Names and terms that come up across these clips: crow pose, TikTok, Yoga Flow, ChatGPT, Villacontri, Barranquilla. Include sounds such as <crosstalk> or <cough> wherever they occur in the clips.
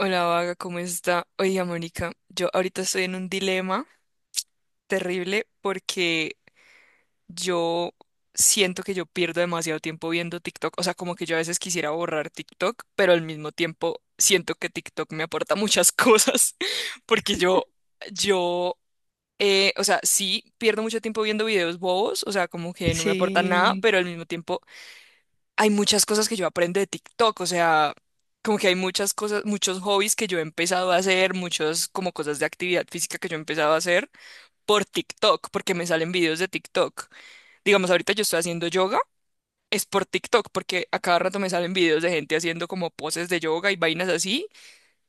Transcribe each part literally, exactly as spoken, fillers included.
Hola, Vaga, ¿cómo está? Oiga, Mónica, yo ahorita estoy en un dilema terrible porque yo siento que yo pierdo demasiado tiempo viendo TikTok. O sea, como que yo a veces quisiera borrar TikTok, pero al mismo tiempo siento que TikTok me aporta muchas cosas <laughs> porque yo, yo, eh, o sea, sí pierdo mucho tiempo viendo videos bobos, o sea, como que no me aportan nada, Sí. pero al mismo tiempo hay muchas cosas que yo aprendo de TikTok, o sea, como que hay muchas cosas, muchos hobbies que yo he empezado a hacer, muchos como cosas de actividad física que yo he empezado a hacer por TikTok, porque me salen videos de TikTok. Digamos, ahorita yo estoy haciendo yoga, es por TikTok, porque a cada rato me salen videos de gente haciendo como poses de yoga y vainas así,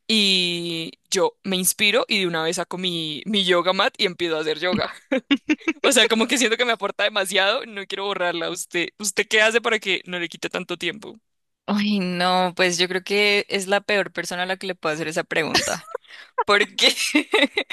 y yo me inspiro y de una vez saco mi, mi yoga mat y empiezo a hacer yoga. <laughs> O sea, como que siento que me aporta demasiado, no quiero borrarla. ¿Usted, usted qué hace para que no le quite tanto tiempo? Ay, no, pues yo creo que es la peor persona a la que le puedo hacer esa pregunta. ¿Por qué? <laughs>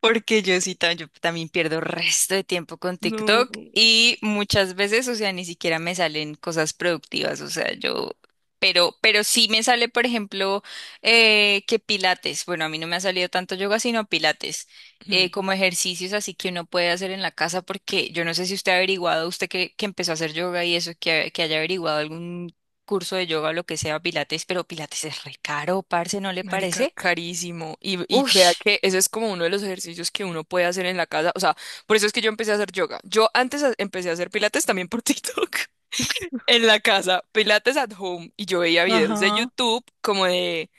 Porque yo sí tam- yo también pierdo resto de tiempo con No. TikTok y muchas veces, o sea, ni siquiera me salen cosas productivas, o sea, yo, pero, pero sí me sale, por ejemplo, eh, que pilates, bueno, a mí no me ha salido tanto yoga, sino pilates, eh, Ujú. como ejercicios así que uno puede hacer en la casa, porque yo no sé si usted ha averiguado, usted que, que empezó a hacer yoga y eso, que, que haya averiguado algún curso de yoga o lo que sea, pilates, pero pilates es re caro, parce, ¿no le Marica, parece? carísimo. Y, y vea Ush. que ese es como uno de los ejercicios que uno puede hacer en la casa. O sea, por eso es que yo empecé a hacer yoga. Yo antes a- empecé a hacer pilates también por <laughs> TikTok en la casa, pilates at home. Y yo veía videos de Ajá. YouTube como de,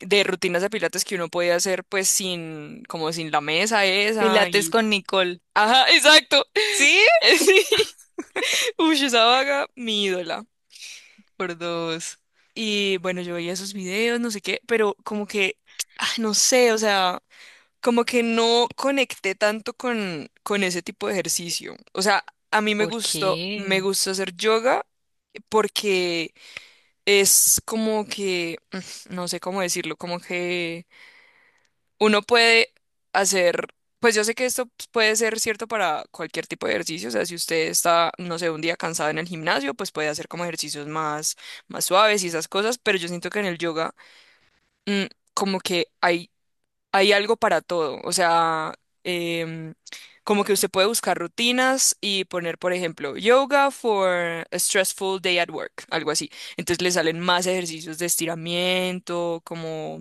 de rutinas de pilates que uno podía hacer pues sin, como sin la mesa esa Pilates y. con Nicole. Ajá, exacto. ¿Sí? <laughs> Sí. Uy, esa vaga, mi ídola. Por dos. Y bueno, yo veía esos videos, no sé qué, pero como que, ah, no sé, o sea. Como que no conecté tanto con, con ese tipo de ejercicio. O sea, a mí me ¿Por gustó, me qué? gusta hacer yoga porque es como que, <laughs> mm, no sé cómo decirlo, como que uno puede hacer, pues yo sé que esto pues, puede ser cierto para cualquier tipo de ejercicio, o sea, si usted está, no sé, un día cansado en el gimnasio, pues puede hacer como ejercicios más, más suaves y esas cosas, pero yo siento que en el yoga, mm, como que hay hay algo para todo. O sea, em, como que usted puede buscar rutinas y poner, por ejemplo, yoga for a stressful day at work, algo así. Entonces le salen más ejercicios de estiramiento, como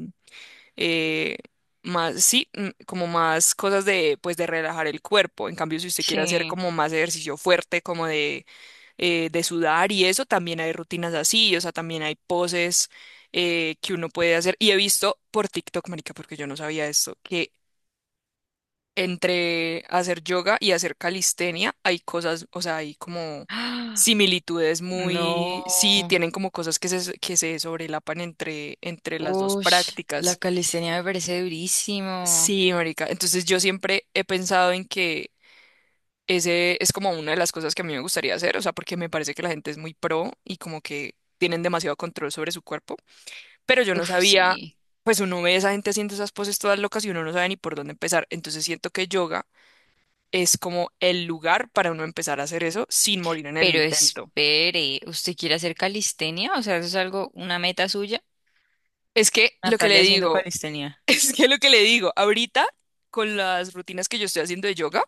eh, más, sí, mm, como más cosas de, pues, de relajar el cuerpo. En cambio, si usted quiere hacer Sí. como más ejercicio fuerte, como de eh, de sudar y eso, también hay rutinas así, o sea, también hay poses eh, que uno puede hacer. Y he visto por TikTok, marica, porque yo no sabía esto, que entre hacer yoga y hacer calistenia hay cosas, o sea, hay como ¡Ah! similitudes No. muy, sí, tienen como cosas que se, que se sobrelapan entre, entre las dos Ush, la prácticas. calistenia me parece durísimo. Sí, marica. Entonces yo siempre he pensado en que ese es como una de las cosas que a mí me gustaría hacer, o sea, porque me parece que la gente es muy pro y como que tienen demasiado control sobre su cuerpo, pero yo no Uf, sabía, sí. pues uno ve a esa gente haciendo esas poses todas locas y uno no sabe ni por dónde empezar, entonces siento que yoga es como el lugar para uno empezar a hacer eso sin morir en el Pero intento. espere, ¿usted quiere hacer calistenia? O sea, ¿eso es algo, una meta suya? Es que lo que le Natalia haciendo digo, calistenia. <laughs> es que lo que le digo, ahorita con las rutinas que yo estoy haciendo de yoga,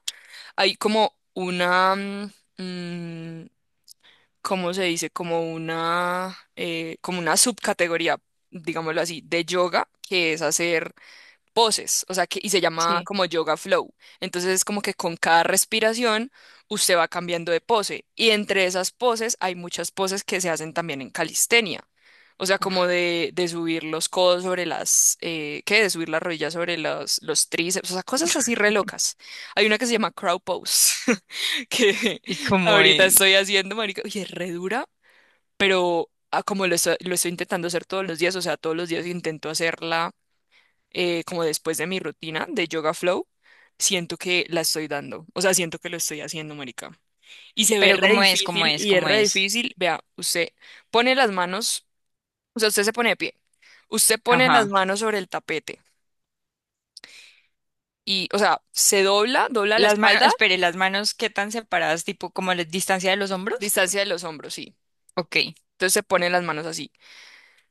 hay como una, mm, ¿cómo se dice? Como una, eh, como una subcategoría, digámoslo así, de yoga, que es hacer poses, o sea, que, y se llama Sí. como yoga flow. Entonces es como que con cada respiración usted va cambiando de pose y entre esas poses hay muchas poses que se hacen también en calistenia. O sea, como Uf. de, de subir los codos sobre las, eh, ¿qué? De subir las rodillas sobre los, los tríceps, o sea, cosas así re locas. Hay una que se llama crow pose, <laughs> que ¿Y cómo ahorita es? estoy haciendo, marica, y es re dura, pero ah, como lo estoy, lo estoy intentando hacer todos los días, o sea, todos los días intento hacerla eh, como después de mi rutina de Yoga Flow, siento que la estoy dando. O sea, siento que lo estoy haciendo, marica. Y se ve Pero re ¿cómo es? ¿Cómo difícil, es? y es ¿Cómo re es? difícil. Vea, usted pone las manos, o sea, usted se pone de pie. Usted pone las Ajá. manos sobre el tapete y, o sea, se dobla, dobla la Las manos, espalda, espere, las manos ¿qué tan separadas, tipo como la distancia de los hombros? distancia de los hombros, sí. Ok. Entonces se pone las manos así.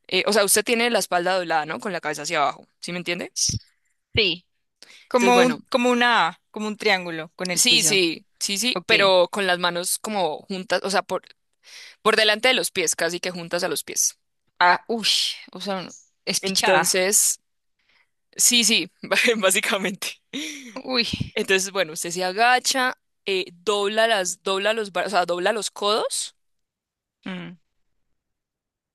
Eh, o sea, usted tiene la espalda doblada, ¿no? Con la cabeza hacia abajo, ¿sí me entiende? Sí. Entonces, Como bueno, un, como una A, como un triángulo con el sí, piso. sí, sí, sí, Ok. pero con las manos como juntas, o sea, por- por delante de los pies, casi que juntas a los pies. Ah, uy, o sea, un- espichada. Entonces, sí, sí, <laughs> básicamente. <laughs> Uy, Entonces, bueno, usted se agacha, eh, dobla las, dobla los, bra- o sea, dobla los codos mm,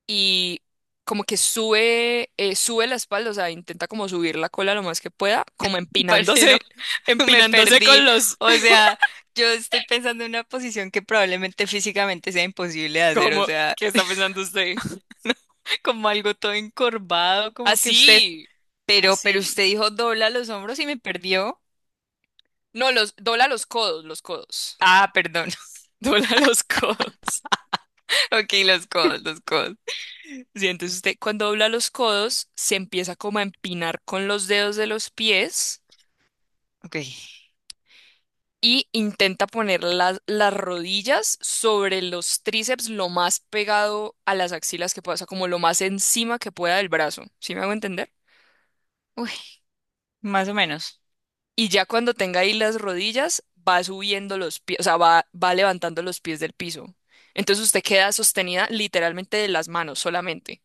y como que sube, eh, sube la espalda, o sea, intenta como subir la cola lo más que pueda, como parce, no, empinándose, <laughs> <laughs> me empinándose perdí. con los, O sea, yo estoy pensando en una posición que probablemente físicamente sea imposible de <laughs> hacer, o como, sea, ¿qué está pensando usted? <laughs> no, como algo todo encorvado, como que usted, Así, pero, pero así. usted dijo dobla los hombros y me perdió. No, los, dobla los codos, los codos. Ah, perdón. <laughs> <laughs> Dobla los codos. Ok, los codos, los codos. Sí, entonces usted cuando dobla los codos se empieza como a empinar con los dedos de los pies Ok. y intenta poner las, las rodillas sobre los tríceps lo más pegado a las axilas que pueda, o sea, como lo más encima que pueda del brazo. ¿Sí me hago entender? Uy, más o menos. Y ya cuando tenga ahí las rodillas va subiendo los pies, o sea, va, va levantando los pies del piso. Entonces usted queda sostenida literalmente de las manos solamente,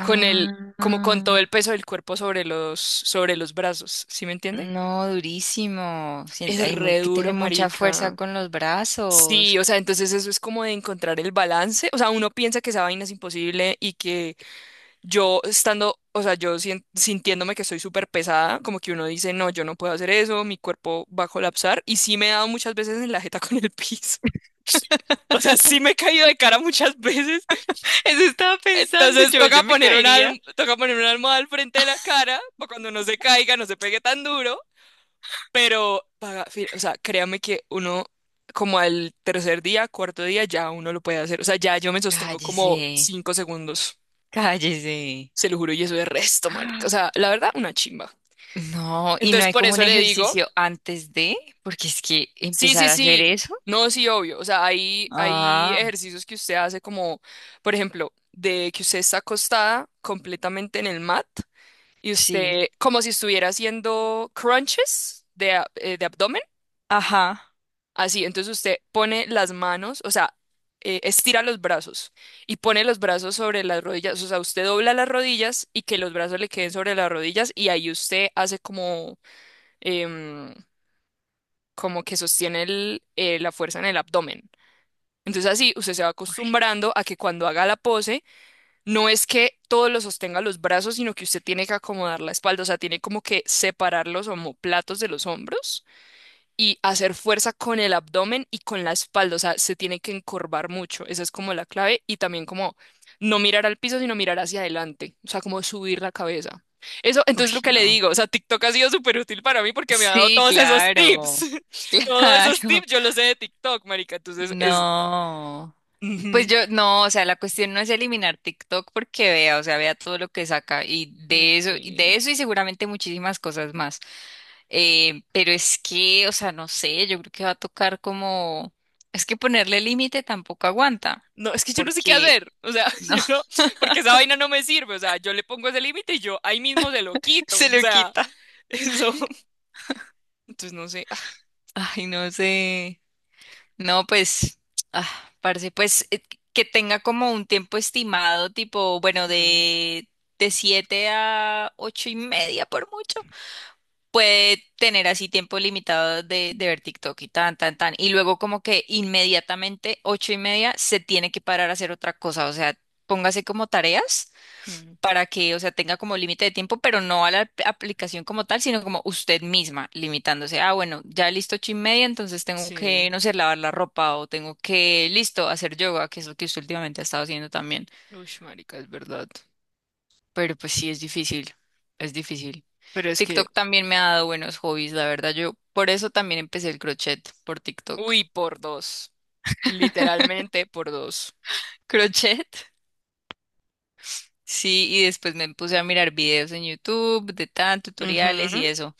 con el, como con todo el peso del cuerpo sobre los, sobre los brazos. ¿Sí me entiende? No, durísimo. Sien- Es Hay mu- re que tener duro, mucha fuerza marica. con los brazos. Sí, o sea, entonces eso es como de encontrar el balance. O sea, uno piensa que esa vaina es imposible y que yo estando, o sea, yo sien- sintiéndome que estoy súper pesada, como que uno dice, no, yo no puedo hacer eso, mi cuerpo va a colapsar. Y sí me he dado muchas veces en la jeta <laughs> con el piso. <laughs> O sea, sí me he caído de cara muchas veces. <laughs> Eso estaba pensando Entonces yo, toca yo me poner una, caería. alm- toca poner una almohada al frente de la cara para cuando no se caiga, no se pegue tan duro. Pero, paga- fi- o sea, créame que uno, como al tercer día, cuarto día, ya uno lo puede hacer. O sea, ya yo me sostengo como Cállese, cinco segundos, cállese. se lo juro, y eso es resto, <gasps> marica. O Ah, sea, la verdad, una chimba. no, y no Entonces, hay por como un eso le digo, ejercicio antes de, porque es que sí, sí, empezar a hacer sí, eso. no, sí, obvio. O sea, hay, hay Ah, ejercicios que usted hace como, por ejemplo, de que usted está acostada completamente en el mat y sí. usted, como si estuviera haciendo crunches de, ab- eh, de abdomen. Ajá. Así, entonces usted pone las manos, o sea, eh, estira los brazos y pone los brazos sobre las rodillas, o sea, usted dobla las rodillas y que los brazos le queden sobre las rodillas y ahí usted hace como, em, como que sostiene el, eh, la fuerza en el abdomen. Entonces así usted se va acostumbrando a que cuando haga la pose, no es que todo lo sostenga los brazos, sino que usted tiene que acomodar la espalda, o sea, tiene como que separar los omóplatos de los hombros y hacer fuerza con el abdomen y con la espalda, o sea, se tiene que encorvar mucho, esa es como la clave, y también como no mirar al piso, sino mirar hacia adelante, o sea, como subir la cabeza. Eso, Uy, entonces lo que le no. digo, o sea, TikTok ha sido súper útil para mí porque me ha dado Sí, todos esos claro. tips, <laughs> <laughs> todos esos tips Claro. yo los sé de TikTok, marica, entonces es. No. Pues Ujú, yo, no, o sea, la cuestión no es eliminar TikTok porque vea, o sea, vea todo lo que saca y de eso, y de sí. eso y seguramente muchísimas cosas más. Eh, pero es que, o sea, no sé, yo creo que va a tocar como, es que ponerle límite tampoco aguanta No, es que yo no sé qué porque hacer, o sea, <laughs> no, yo no, <laughs> porque esa vaina no me sirve, o sea, yo le pongo ese límite y yo ahí mismo se lo quito, se o lo sea, quita. <laughs> eso, entonces no sé. Ay, no sé. No, pues, ah, parce, pues eh, que tenga como un tiempo estimado, tipo, bueno, de, de siete a ocho y media por mucho. Puede tener así tiempo limitado de, de ver TikTok y tan, tan, tan. Y luego como que inmediatamente, ocho y media, se tiene que parar a hacer otra cosa. O sea, póngase como tareas Mm, para que, o sea, tenga como límite de tiempo, pero no a la ap- aplicación como tal, sino como usted misma limitándose. Ah, bueno, ya listo ocho y media, entonces tengo sí, que, no sé, lavar la ropa o tengo que, listo, hacer yoga, que es lo que usted últimamente ha estado haciendo también. uy, marica, es verdad. Pero pues sí, es difícil, es difícil. Pero es que, TikTok también me ha dado buenos hobbies, la verdad. Yo por eso también empecé el crochet por TikTok. uy, <laughs> por dos. Literalmente por dos. ¿Crochet? Sí, y después me puse a mirar videos en YouTube de tan tutoriales Ujú. y eso.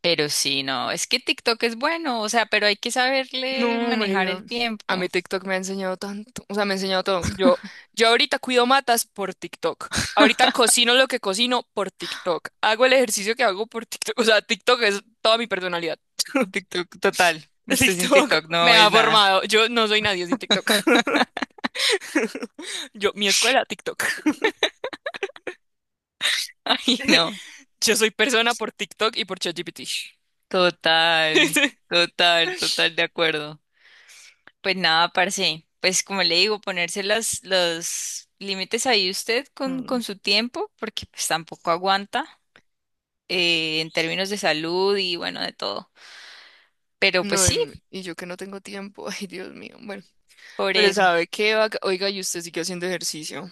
Pero sí, no, es que TikTok es bueno, o sea, pero hay que saberle No, manejar marica. el A mí tiempo. TikTok me ha enseñado tanto. O sea, me ha enseñado todo. Yo, yo ahorita cuido matas por TikTok. Ahorita cocino lo que cocino por TikTok. Hago el ejercicio que hago por TikTok. O sea, TikTok es toda mi personalidad. <laughs> TikTok total. Usted sin TikTok TikTok me no ha es nada. formado. Yo no soy nadie sin TikTok. <laughs> <laughs> Yo, mi escuela, TikTok. Ay, <laughs> no. Yo soy persona por TikTok y por ChatGPT. Total, total, total de acuerdo. Pues nada, parce. Pues como le digo, ponerse las, los límites ahí usted con, Mm, con su tiempo, porque pues tampoco aguanta eh, en términos de salud y bueno, de todo. Pero pues No, sí, em, y yo que no tengo tiempo, <laughs> ay Dios mío, bueno, por pero eso. ¿sabe qué, vaga? Oiga, y usted sigue haciendo ejercicio.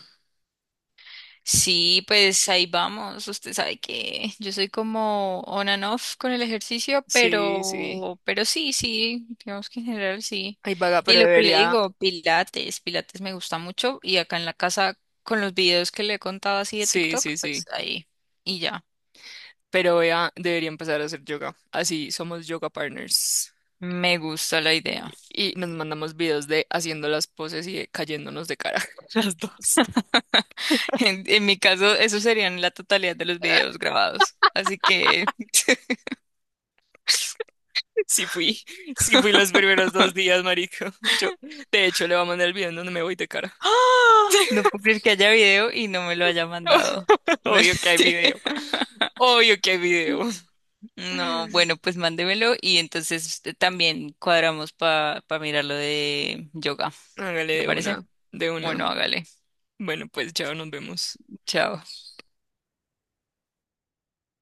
Sí, pues ahí vamos. Usted sabe que yo soy como on and off con el ejercicio, Sí, sí. pero, pero sí, sí, digamos que en general sí. Ay, vaga, Y pero lo que le debería, digo, Pilates, Pilates me gusta mucho y acá en la casa con los videos que le he contado así de sí, TikTok, sí, pues sí, ahí y ya. pero vea, debería empezar a hacer yoga. Así somos yoga partners. Me gusta la idea. Y nos mandamos videos de haciendo las poses y de cayéndonos de cara, <laughs> las dos. <laughs> En, en mi caso, eso serían la totalidad de los videos grabados. Así que <laughs> Sí fui, sí fui los primeros dos días, marico. <laughs> Yo, de hecho, le voy a mandar el video en donde me voy de cara. ¡Ah! No <laughs> puedo creer que haya video y no me lo haya mandado. Obvio <laughs> que hay Sí. video, obvio que hay video. No, bueno, pues mándemelo y entonces eh, también cuadramos para mirar lo de yoga. Hágale ¿Le de parece? una, de una. Bueno, hágale. Bueno, pues ya nos vemos. Chao.